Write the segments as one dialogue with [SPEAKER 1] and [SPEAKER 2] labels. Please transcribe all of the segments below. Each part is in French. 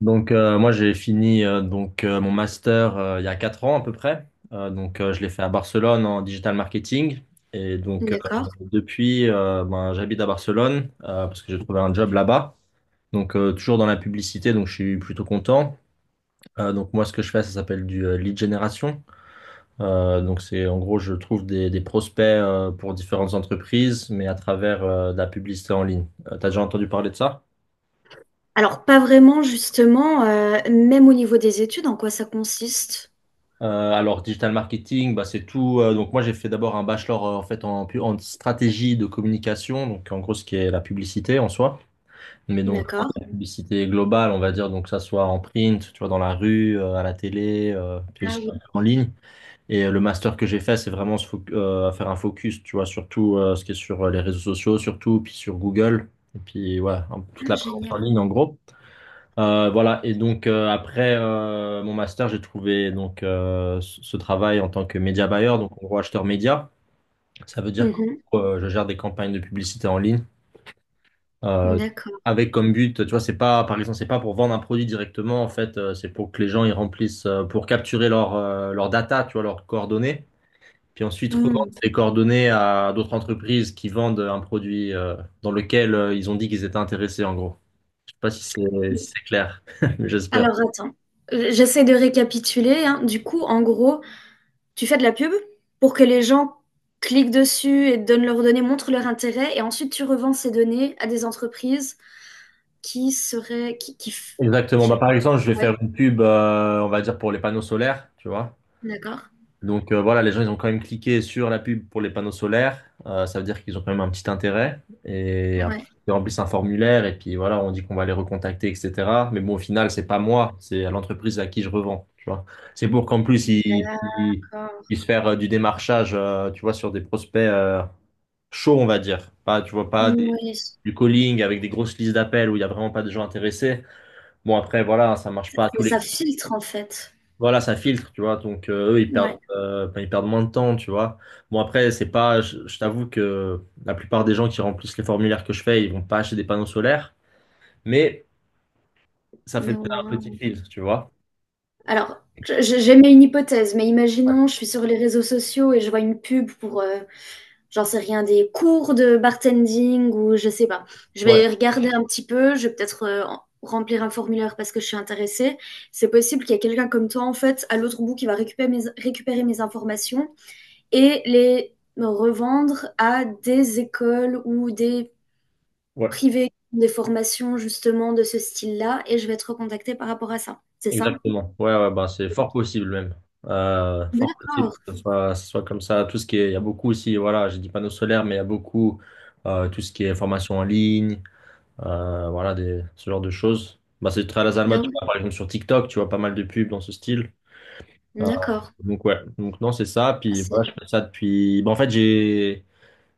[SPEAKER 1] Donc, moi j'ai fini, donc, mon master, il y a 4 ans à peu près. Donc, je l'ai fait à Barcelone en digital marketing et donc,
[SPEAKER 2] D'accord.
[SPEAKER 1] depuis, ben, j'habite à Barcelone, parce que j'ai trouvé un job là-bas. Donc, toujours dans la publicité, donc je suis plutôt content. Donc, moi ce que je fais ça s'appelle du, lead generation. Donc, c'est en gros je trouve des prospects, pour différentes entreprises, mais à travers, de la publicité en ligne. T'as déjà entendu parler de ça?
[SPEAKER 2] Alors, pas vraiment justement, même au niveau des études, en quoi ça consiste?
[SPEAKER 1] Alors, digital marketing, bah, c'est tout. Donc, moi, j'ai fait d'abord un bachelor, en fait en stratégie de communication, donc en gros, ce qui est la publicité en soi, mais donc vraiment
[SPEAKER 2] D'accord.
[SPEAKER 1] de la publicité globale, on va dire, donc que ça soit en print, tu vois, dans la rue, à la télé, puis
[SPEAKER 2] Ah
[SPEAKER 1] aussi
[SPEAKER 2] oui.
[SPEAKER 1] un peu en ligne. Et, le master que j'ai fait, c'est vraiment faire un focus, tu vois, surtout, ce qui est sur, les réseaux sociaux, surtout, puis sur Google, et puis ouais, toute
[SPEAKER 2] Ah
[SPEAKER 1] la présence en
[SPEAKER 2] génial.
[SPEAKER 1] ligne en gros. Voilà, et donc, après, mon master, j'ai trouvé donc, ce travail en tant que média buyer, donc en gros acheteur média. Ça veut dire
[SPEAKER 2] Mmh.
[SPEAKER 1] que, je gère des campagnes de publicité en ligne, euh,
[SPEAKER 2] D'accord.
[SPEAKER 1] avec comme but, tu vois, c'est pas par exemple, c'est pas pour vendre un produit directement en fait, c'est pour que les gens ils remplissent, pour capturer leur, leur data, tu vois, leurs coordonnées, puis ensuite revendre
[SPEAKER 2] Mmh.
[SPEAKER 1] ces coordonnées à d'autres entreprises qui vendent un produit, dans lequel, ils ont dit qu'ils étaient intéressés en gros. Je sais pas si c'est
[SPEAKER 2] Mmh.
[SPEAKER 1] si c'est clair, mais j'espère.
[SPEAKER 2] Alors attends, j'essaie de récapituler, hein. Du coup, en gros, tu fais de la pub pour que les gens cliquent dessus et donnent leurs données, montrent leur intérêt et ensuite tu revends ces données à des entreprises qui seraient qui f
[SPEAKER 1] Exactement.
[SPEAKER 2] je sais
[SPEAKER 1] Bah,
[SPEAKER 2] pas.
[SPEAKER 1] par exemple, je vais
[SPEAKER 2] Ouais,
[SPEAKER 1] faire une pub, on va dire, pour les panneaux solaires, tu vois.
[SPEAKER 2] d'accord.
[SPEAKER 1] Donc, voilà, les gens, ils ont quand même cliqué sur la pub pour les panneaux solaires. Ça veut dire qu'ils ont quand même un petit intérêt. Et après,
[SPEAKER 2] Ouais.
[SPEAKER 1] ils remplissent un formulaire et puis voilà, on dit qu'on va les recontacter, etc. Mais bon, au final, c'est pas moi, c'est à l'entreprise à qui je revends, tu vois. C'est pour qu'en plus, ils
[SPEAKER 2] D'accord.
[SPEAKER 1] puissent faire, du démarchage, tu vois, sur des prospects, chauds, on va dire. Pas, tu vois, pas
[SPEAKER 2] Oui.
[SPEAKER 1] du calling avec des grosses listes d'appels où il y a vraiment pas de gens intéressés. Bon, après, voilà, ça marche
[SPEAKER 2] Ça
[SPEAKER 1] pas à tous les.
[SPEAKER 2] ça ça filtre en fait.
[SPEAKER 1] Voilà, ça filtre, tu vois. Donc, eux, ils perdent,
[SPEAKER 2] Ouais.
[SPEAKER 1] enfin, ils perdent moins de temps, tu vois. Bon, après, c'est pas, je t'avoue que la plupart des gens qui remplissent les formulaires que je fais, ils vont pas acheter des panneaux solaires, mais ça fait
[SPEAKER 2] Mais au
[SPEAKER 1] déjà un
[SPEAKER 2] moins.
[SPEAKER 1] petit filtre, tu vois.
[SPEAKER 2] Alors, j'aimais une hypothèse, mais
[SPEAKER 1] Ouais,
[SPEAKER 2] imaginons, je suis sur les réseaux sociaux et je vois une pub pour, j'en sais rien, des cours de bartending ou je sais pas. Je
[SPEAKER 1] ouais,
[SPEAKER 2] vais regarder un petit peu, je vais peut-être remplir un formulaire parce que je suis intéressée. C'est possible qu'il y ait quelqu'un comme toi, en fait, à l'autre bout qui va récupérer mes informations et les revendre à des écoles ou des
[SPEAKER 1] ouais,
[SPEAKER 2] privés, des formations justement de ce style-là et je vais être recontactée par rapport à ça. C'est ça?
[SPEAKER 1] exactement. Ouais, ouais, bah, c'est fort possible même. Fort possible
[SPEAKER 2] D'accord.
[SPEAKER 1] que ce soit comme ça. Tout ce qui est, il y a beaucoup aussi, voilà, j'ai dit panneaux solaires, mais il y a beaucoup, tout ce qui est formation en ligne, voilà, des, ce genre de choses. Bah, c'est très à la
[SPEAKER 2] Ah
[SPEAKER 1] mode, tu
[SPEAKER 2] ouais,
[SPEAKER 1] vois, par exemple, sur TikTok, tu vois pas mal de pubs dans ce style. Euh,
[SPEAKER 2] d'accord.
[SPEAKER 1] donc ouais, donc non, c'est ça.
[SPEAKER 2] Ah,
[SPEAKER 1] Puis voilà, je
[SPEAKER 2] c'est
[SPEAKER 1] fais ça depuis. Bah, en fait, j'ai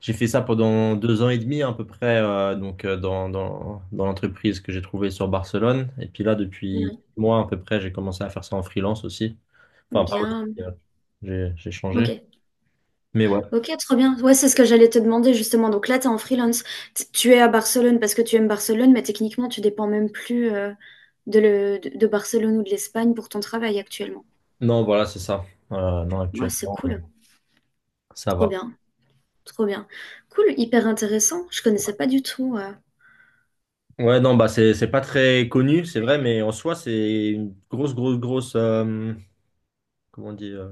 [SPEAKER 1] j'ai fait ça pendant 2 ans et demi à peu près, dans l'entreprise que j'ai trouvée sur Barcelone. Et puis là, depuis
[SPEAKER 2] ouais,
[SPEAKER 1] 6 mois à peu près, j'ai commencé à faire ça en freelance aussi. Enfin, pas
[SPEAKER 2] bien.
[SPEAKER 1] aussi, j'ai changé.
[SPEAKER 2] Ok,
[SPEAKER 1] Mais ouais,
[SPEAKER 2] ok, trop bien. Ouais, c'est ce que j'allais te demander justement. Donc là, tu es en freelance. Tu es à Barcelone parce que tu aimes Barcelone, mais techniquement, tu dépends même plus de Barcelone ou de l'Espagne pour ton travail actuellement.
[SPEAKER 1] non, voilà, c'est ça. Non,
[SPEAKER 2] Ouais, c'est
[SPEAKER 1] actuellement,
[SPEAKER 2] cool.
[SPEAKER 1] ça
[SPEAKER 2] Trop
[SPEAKER 1] va.
[SPEAKER 2] bien, trop bien. Cool, hyper intéressant. Je connaissais pas du tout.
[SPEAKER 1] Ouais, non, bah c'est pas très connu, c'est vrai, mais en soi, c'est une grosse, grosse, grosse. Comment on dit,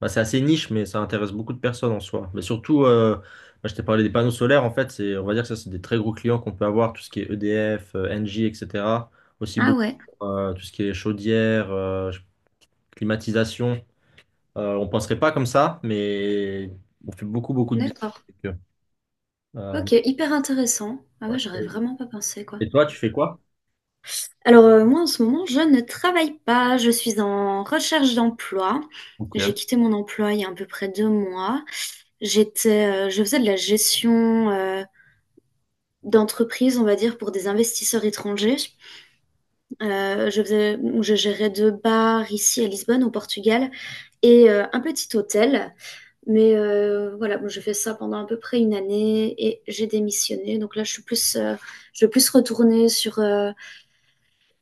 [SPEAKER 1] bah, c'est assez niche, mais ça intéresse beaucoup de personnes en soi. Mais surtout, bah, je t'ai parlé des panneaux solaires, en fait, c'est, on va dire que ça, c'est des très gros clients qu'on peut avoir, tout ce qui est EDF, Engie, etc. Aussi
[SPEAKER 2] Ah
[SPEAKER 1] beaucoup,
[SPEAKER 2] ouais,
[SPEAKER 1] tout ce qui est chaudière, climatisation. On penserait pas comme ça, mais on fait beaucoup, beaucoup de business
[SPEAKER 2] d'accord.
[SPEAKER 1] avec eux. Euh,
[SPEAKER 2] Ok, hyper intéressant. Ah
[SPEAKER 1] ouais.
[SPEAKER 2] ouais, j'aurais
[SPEAKER 1] Et
[SPEAKER 2] vraiment pas pensé, quoi.
[SPEAKER 1] toi, tu fais quoi?
[SPEAKER 2] Alors, moi, en ce moment, je ne travaille pas. Je suis en recherche d'emploi.
[SPEAKER 1] Ok.
[SPEAKER 2] J'ai quitté mon emploi il y a à peu près 2 mois. Je faisais de la gestion, d'entreprise, on va dire, pour des investisseurs étrangers. Je gérais deux bars ici à Lisbonne, au Portugal, et un petit hôtel. Mais voilà, bon, j'ai fait ça pendant à peu près une année et j'ai démissionné. Donc là, je vais plus retourner sur,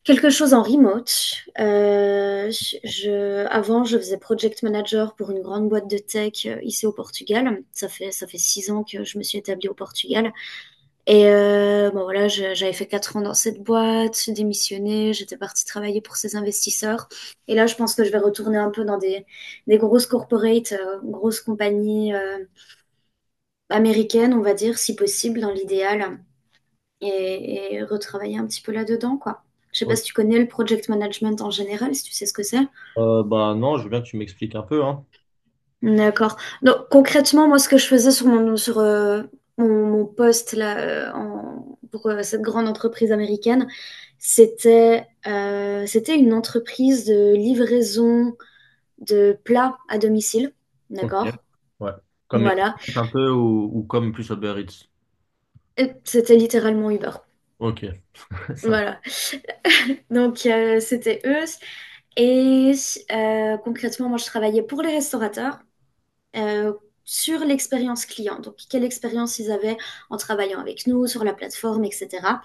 [SPEAKER 2] quelque chose en remote. Je faisais project manager pour une grande boîte de tech ici au Portugal. Ça fait 6 ans que je me suis établie au Portugal. Et bon voilà, j'avais fait 4 ans dans cette boîte, j'ai démissionné, j'étais partie travailler pour ces investisseurs. Et là, je pense que je vais retourner un peu dans des grosses corporates, grosses compagnies américaines, on va dire, si possible, dans l'idéal et retravailler un petit peu là-dedans, quoi. Je sais pas si tu connais le project management en général, si tu sais ce que c'est.
[SPEAKER 1] Bah non, je veux bien que tu m'expliques un peu, hein.
[SPEAKER 2] D'accord. Donc concrètement, moi, ce que je faisais sur mon poste là, pour cette grande entreprise américaine, c'était une entreprise de livraison de plats à domicile.
[SPEAKER 1] Ok.
[SPEAKER 2] D'accord.
[SPEAKER 1] Ouais. Comme Uber
[SPEAKER 2] Voilà.
[SPEAKER 1] Eats un peu ou comme plus Uber Eats.
[SPEAKER 2] Et c'était littéralement Uber.
[SPEAKER 1] Ok. Ça
[SPEAKER 2] Voilà. Donc c'était eux. Et concrètement, moi, je travaillais pour les restaurateurs. euh, sur l'expérience client. Donc, quelle expérience ils avaient en travaillant avec nous, sur la plateforme, etc.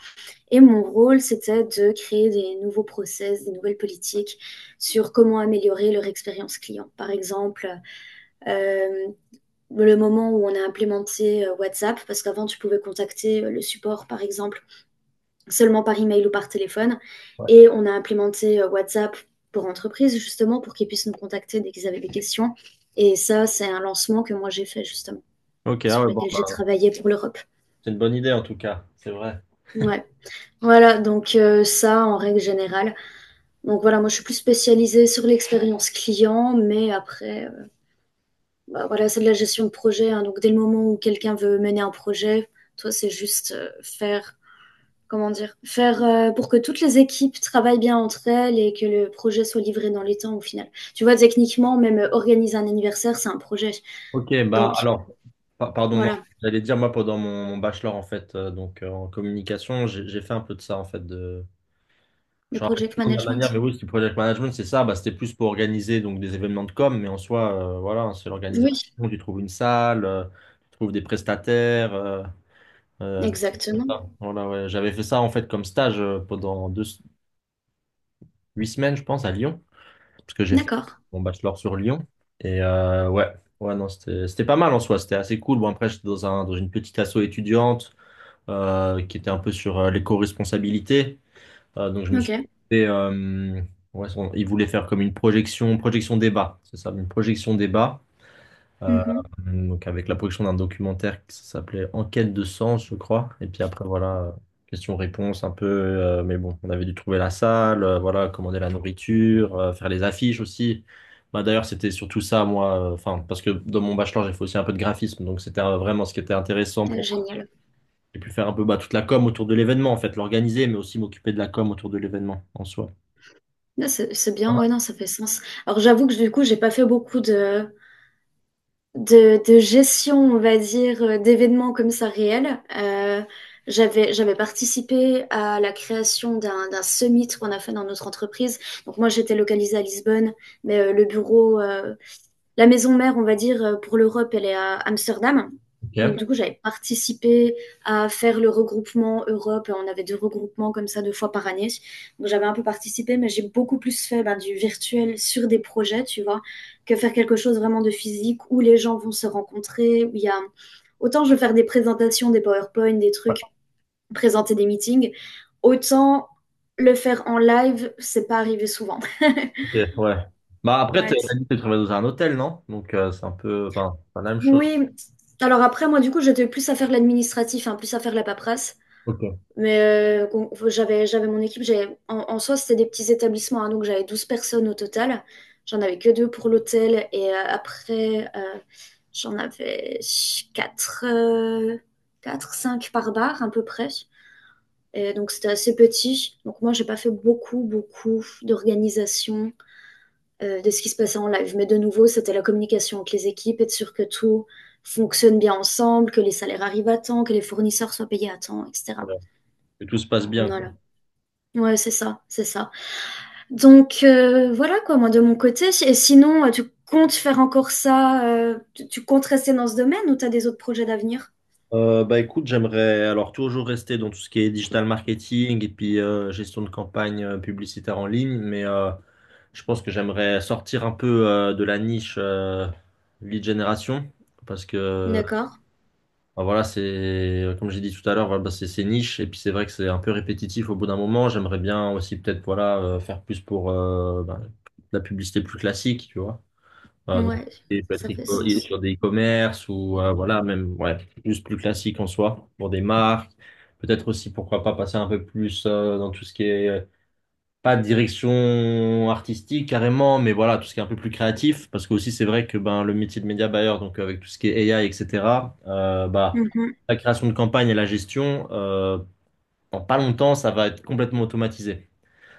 [SPEAKER 2] Et mon rôle, c'était de créer des nouveaux process, des nouvelles politiques sur comment améliorer leur expérience client. Par exemple, euh, le moment où on a implémenté WhatsApp, parce qu'avant, tu pouvais contacter le support, par exemple, seulement par email ou par téléphone.
[SPEAKER 1] Ouais.
[SPEAKER 2] Et on a implémenté WhatsApp pour entreprise, justement, pour qu'ils puissent nous contacter dès qu'ils avaient des questions. Et ça, c'est un lancement que moi, j'ai fait, justement
[SPEAKER 1] Ok, ah ouais,
[SPEAKER 2] sur
[SPEAKER 1] bon,
[SPEAKER 2] lesquels j'ai
[SPEAKER 1] bah,
[SPEAKER 2] travaillé pour l'Europe.
[SPEAKER 1] c'est une bonne idée en tout cas, c'est vrai.
[SPEAKER 2] Ouais. Voilà, donc ça en règle générale. Donc voilà, moi je suis plus spécialisée sur l'expérience client, mais après, bah, voilà, c'est de la gestion de projet, hein. Donc dès le moment où quelqu'un veut mener un projet, toi c'est juste faire, comment dire, faire pour que toutes les équipes travaillent bien entre elles et que le projet soit livré dans les temps au final. Tu vois, techniquement, même organiser un anniversaire, c'est un projet.
[SPEAKER 1] Ok, bah
[SPEAKER 2] Donc
[SPEAKER 1] alors, pardon, non,
[SPEAKER 2] voilà,
[SPEAKER 1] j'allais dire moi pendant mon bachelor en fait, en communication, j'ai fait un peu de ça en fait.
[SPEAKER 2] le
[SPEAKER 1] Je me rappelle
[SPEAKER 2] project
[SPEAKER 1] plus de la manière, mais
[SPEAKER 2] management.
[SPEAKER 1] oui, c'était project management, c'est ça, bah, c'était plus pour organiser donc des événements de com, mais en soi, voilà, hein, c'est l'organisation,
[SPEAKER 2] Oui,
[SPEAKER 1] tu trouves une salle, tu trouves des prestataires, des trucs comme
[SPEAKER 2] exactement.
[SPEAKER 1] ça. Voilà, ouais. J'avais fait ça en fait comme stage, pendant deux, 8 semaines, je pense, à Lyon. Parce que j'ai fait
[SPEAKER 2] D'accord.
[SPEAKER 1] mon bachelor sur Lyon. Et, ouais, ouais, non, c'était pas mal en soi, c'était assez cool. Bon, après, j'étais dans une petite asso étudiante, qui était un peu sur, l'éco-responsabilité. Donc, je me suis
[SPEAKER 2] Ok.
[SPEAKER 1] fait, ouais, ils voulaient faire comme une projection, projection débat, c'est ça, une projection débat. Euh,
[SPEAKER 2] Mhm.
[SPEAKER 1] donc, avec la production d'un documentaire qui s'appelait Enquête de sens, je crois. Et puis après, voilà, question-réponse un peu. Mais bon, on avait dû trouver la salle, voilà, commander la nourriture, faire les affiches aussi. Bah, d'ailleurs, c'était surtout ça, moi, enfin, parce que dans mon bachelor, j'ai fait aussi un peu de graphisme, donc c'était, vraiment ce qui était intéressant
[SPEAKER 2] Ah,
[SPEAKER 1] pour moi.
[SPEAKER 2] génial.
[SPEAKER 1] J'ai pu faire un peu, bah, toute la com autour de l'événement, en fait, l'organiser, mais aussi m'occuper de la com autour de l'événement en soi.
[SPEAKER 2] Ah, c'est bien,
[SPEAKER 1] Ah,
[SPEAKER 2] ouais, non, ça fait sens. Alors j'avoue que du coup, j'ai pas fait beaucoup de gestion, on va dire, d'événements comme ça réels. J'avais participé à la création d'un summit qu'on a fait dans notre entreprise. Donc moi, j'étais localisée à Lisbonne, mais le bureau, la maison mère, on va dire, pour l'Europe, elle est à Amsterdam. Donc, du
[SPEAKER 1] ok.
[SPEAKER 2] coup, j'avais participé à faire le regroupement Europe. On avait deux regroupements comme ça deux fois par année. Donc, j'avais un peu participé, mais j'ai beaucoup plus fait ben, du virtuel sur des projets, tu vois, que faire quelque chose vraiment de physique où les gens vont se rencontrer, où il y a. Autant je veux faire des présentations, des PowerPoint, des trucs, présenter des meetings, autant le faire en live, c'est pas arrivé souvent.
[SPEAKER 1] Ok, ouais. Bah après, t'as
[SPEAKER 2] ouais,
[SPEAKER 1] t'as dit que tu travailles dans un hôtel, non? Donc, c'est un peu, enfin, pas la même chose.
[SPEAKER 2] Oui, alors après, moi, du coup, j'étais plus à faire l'administratif, hein, plus à faire la paperasse.
[SPEAKER 1] Ok,
[SPEAKER 2] Mais j'avais mon équipe, en soi, c'était des petits établissements, hein, donc j'avais 12 personnes au total. J'en avais que deux pour l'hôtel et après, j'en avais 4, 4, 5 par bar à peu près. Et donc c'était assez petit. Donc moi, j'ai pas fait beaucoup, beaucoup d'organisation de ce qui se passait en live. Mais de nouveau, c'était la communication avec les équipes, être sûr que tout fonctionne bien ensemble, que les salaires arrivent à temps, que les fournisseurs soient payés à temps, etc.
[SPEAKER 1] voilà. Que tout se passe bien, quoi.
[SPEAKER 2] Voilà. Ouais, c'est ça, c'est ça. Donc voilà quoi, moi de mon côté. Et sinon, tu comptes faire encore ça tu comptes rester dans ce domaine ou tu as des autres projets d'avenir?
[SPEAKER 1] Bah écoute, j'aimerais alors toujours rester dans tout ce qui est digital marketing et puis, gestion de campagne, publicitaire en ligne, mais, je pense que j'aimerais sortir un peu, de la niche, lead generation, parce que
[SPEAKER 2] D'accord.
[SPEAKER 1] bah, voilà, c'est comme j'ai dit tout à l'heure, voilà, bah, c'est niche et puis c'est vrai que c'est un peu répétitif au bout d'un moment. J'aimerais bien aussi peut-être, voilà, faire plus pour, bah, la publicité plus classique, tu vois. Donc,
[SPEAKER 2] Ouais,
[SPEAKER 1] il peut être
[SPEAKER 2] ça fait
[SPEAKER 1] et
[SPEAKER 2] sens.
[SPEAKER 1] sur des e-commerce ou, voilà, même ouais, juste plus classique en soi pour des marques. Peut-être aussi, pourquoi pas passer un peu plus, dans tout ce qui est, pas de direction artistique carrément, mais voilà, tout ce qui est un peu plus créatif. Parce que aussi, c'est vrai que ben, le métier de média buyer, donc avec tout ce qui est AI, etc., bah,
[SPEAKER 2] Mhm.
[SPEAKER 1] la création de campagne et la gestion, en pas longtemps, ça va être complètement automatisé.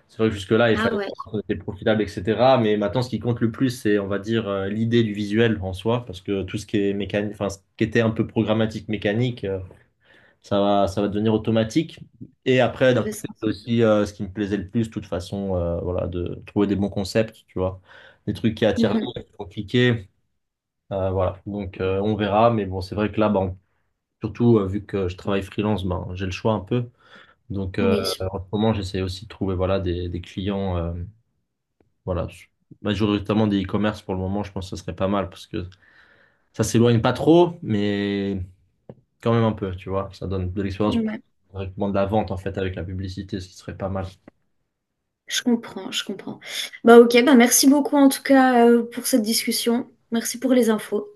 [SPEAKER 1] C'est vrai que jusque-là, il
[SPEAKER 2] Ah
[SPEAKER 1] fallait
[SPEAKER 2] ouais,
[SPEAKER 1] voir si c'était profitable, etc. Mais maintenant, ce qui compte le plus, c'est, on va dire, l'idée du visuel en soi, parce que tout ce qui est mécanique, enfin, ce qui était un peu programmatique, mécanique, ça va devenir automatique. Et après,
[SPEAKER 2] ça
[SPEAKER 1] d'un
[SPEAKER 2] fait
[SPEAKER 1] côté,
[SPEAKER 2] sens.
[SPEAKER 1] c'est aussi, ce qui me plaisait le plus, de toute façon, voilà, de trouver des bons concepts, tu vois, des trucs qui attirent
[SPEAKER 2] Mhm.
[SPEAKER 1] l'œil, qui font cliquer, voilà. Donc, on verra. Mais bon, c'est vrai que là, ben, surtout, vu que je travaille freelance, ben, j'ai le choix un peu. Donc,
[SPEAKER 2] Oui,
[SPEAKER 1] en ce moment, j'essaie aussi de trouver, voilà, des clients. Voilà. Majoritairement des e-commerce pour le moment, je pense que ce serait pas mal parce que ça s'éloigne pas trop, mais quand même un peu, tu vois. Ça donne de l'expérience
[SPEAKER 2] Ouais.
[SPEAKER 1] directement de la vente en fait avec la publicité, ce qui serait pas mal.
[SPEAKER 2] Je comprends, je comprends. Bah ok, bah merci beaucoup en tout cas pour cette discussion. Merci pour les infos.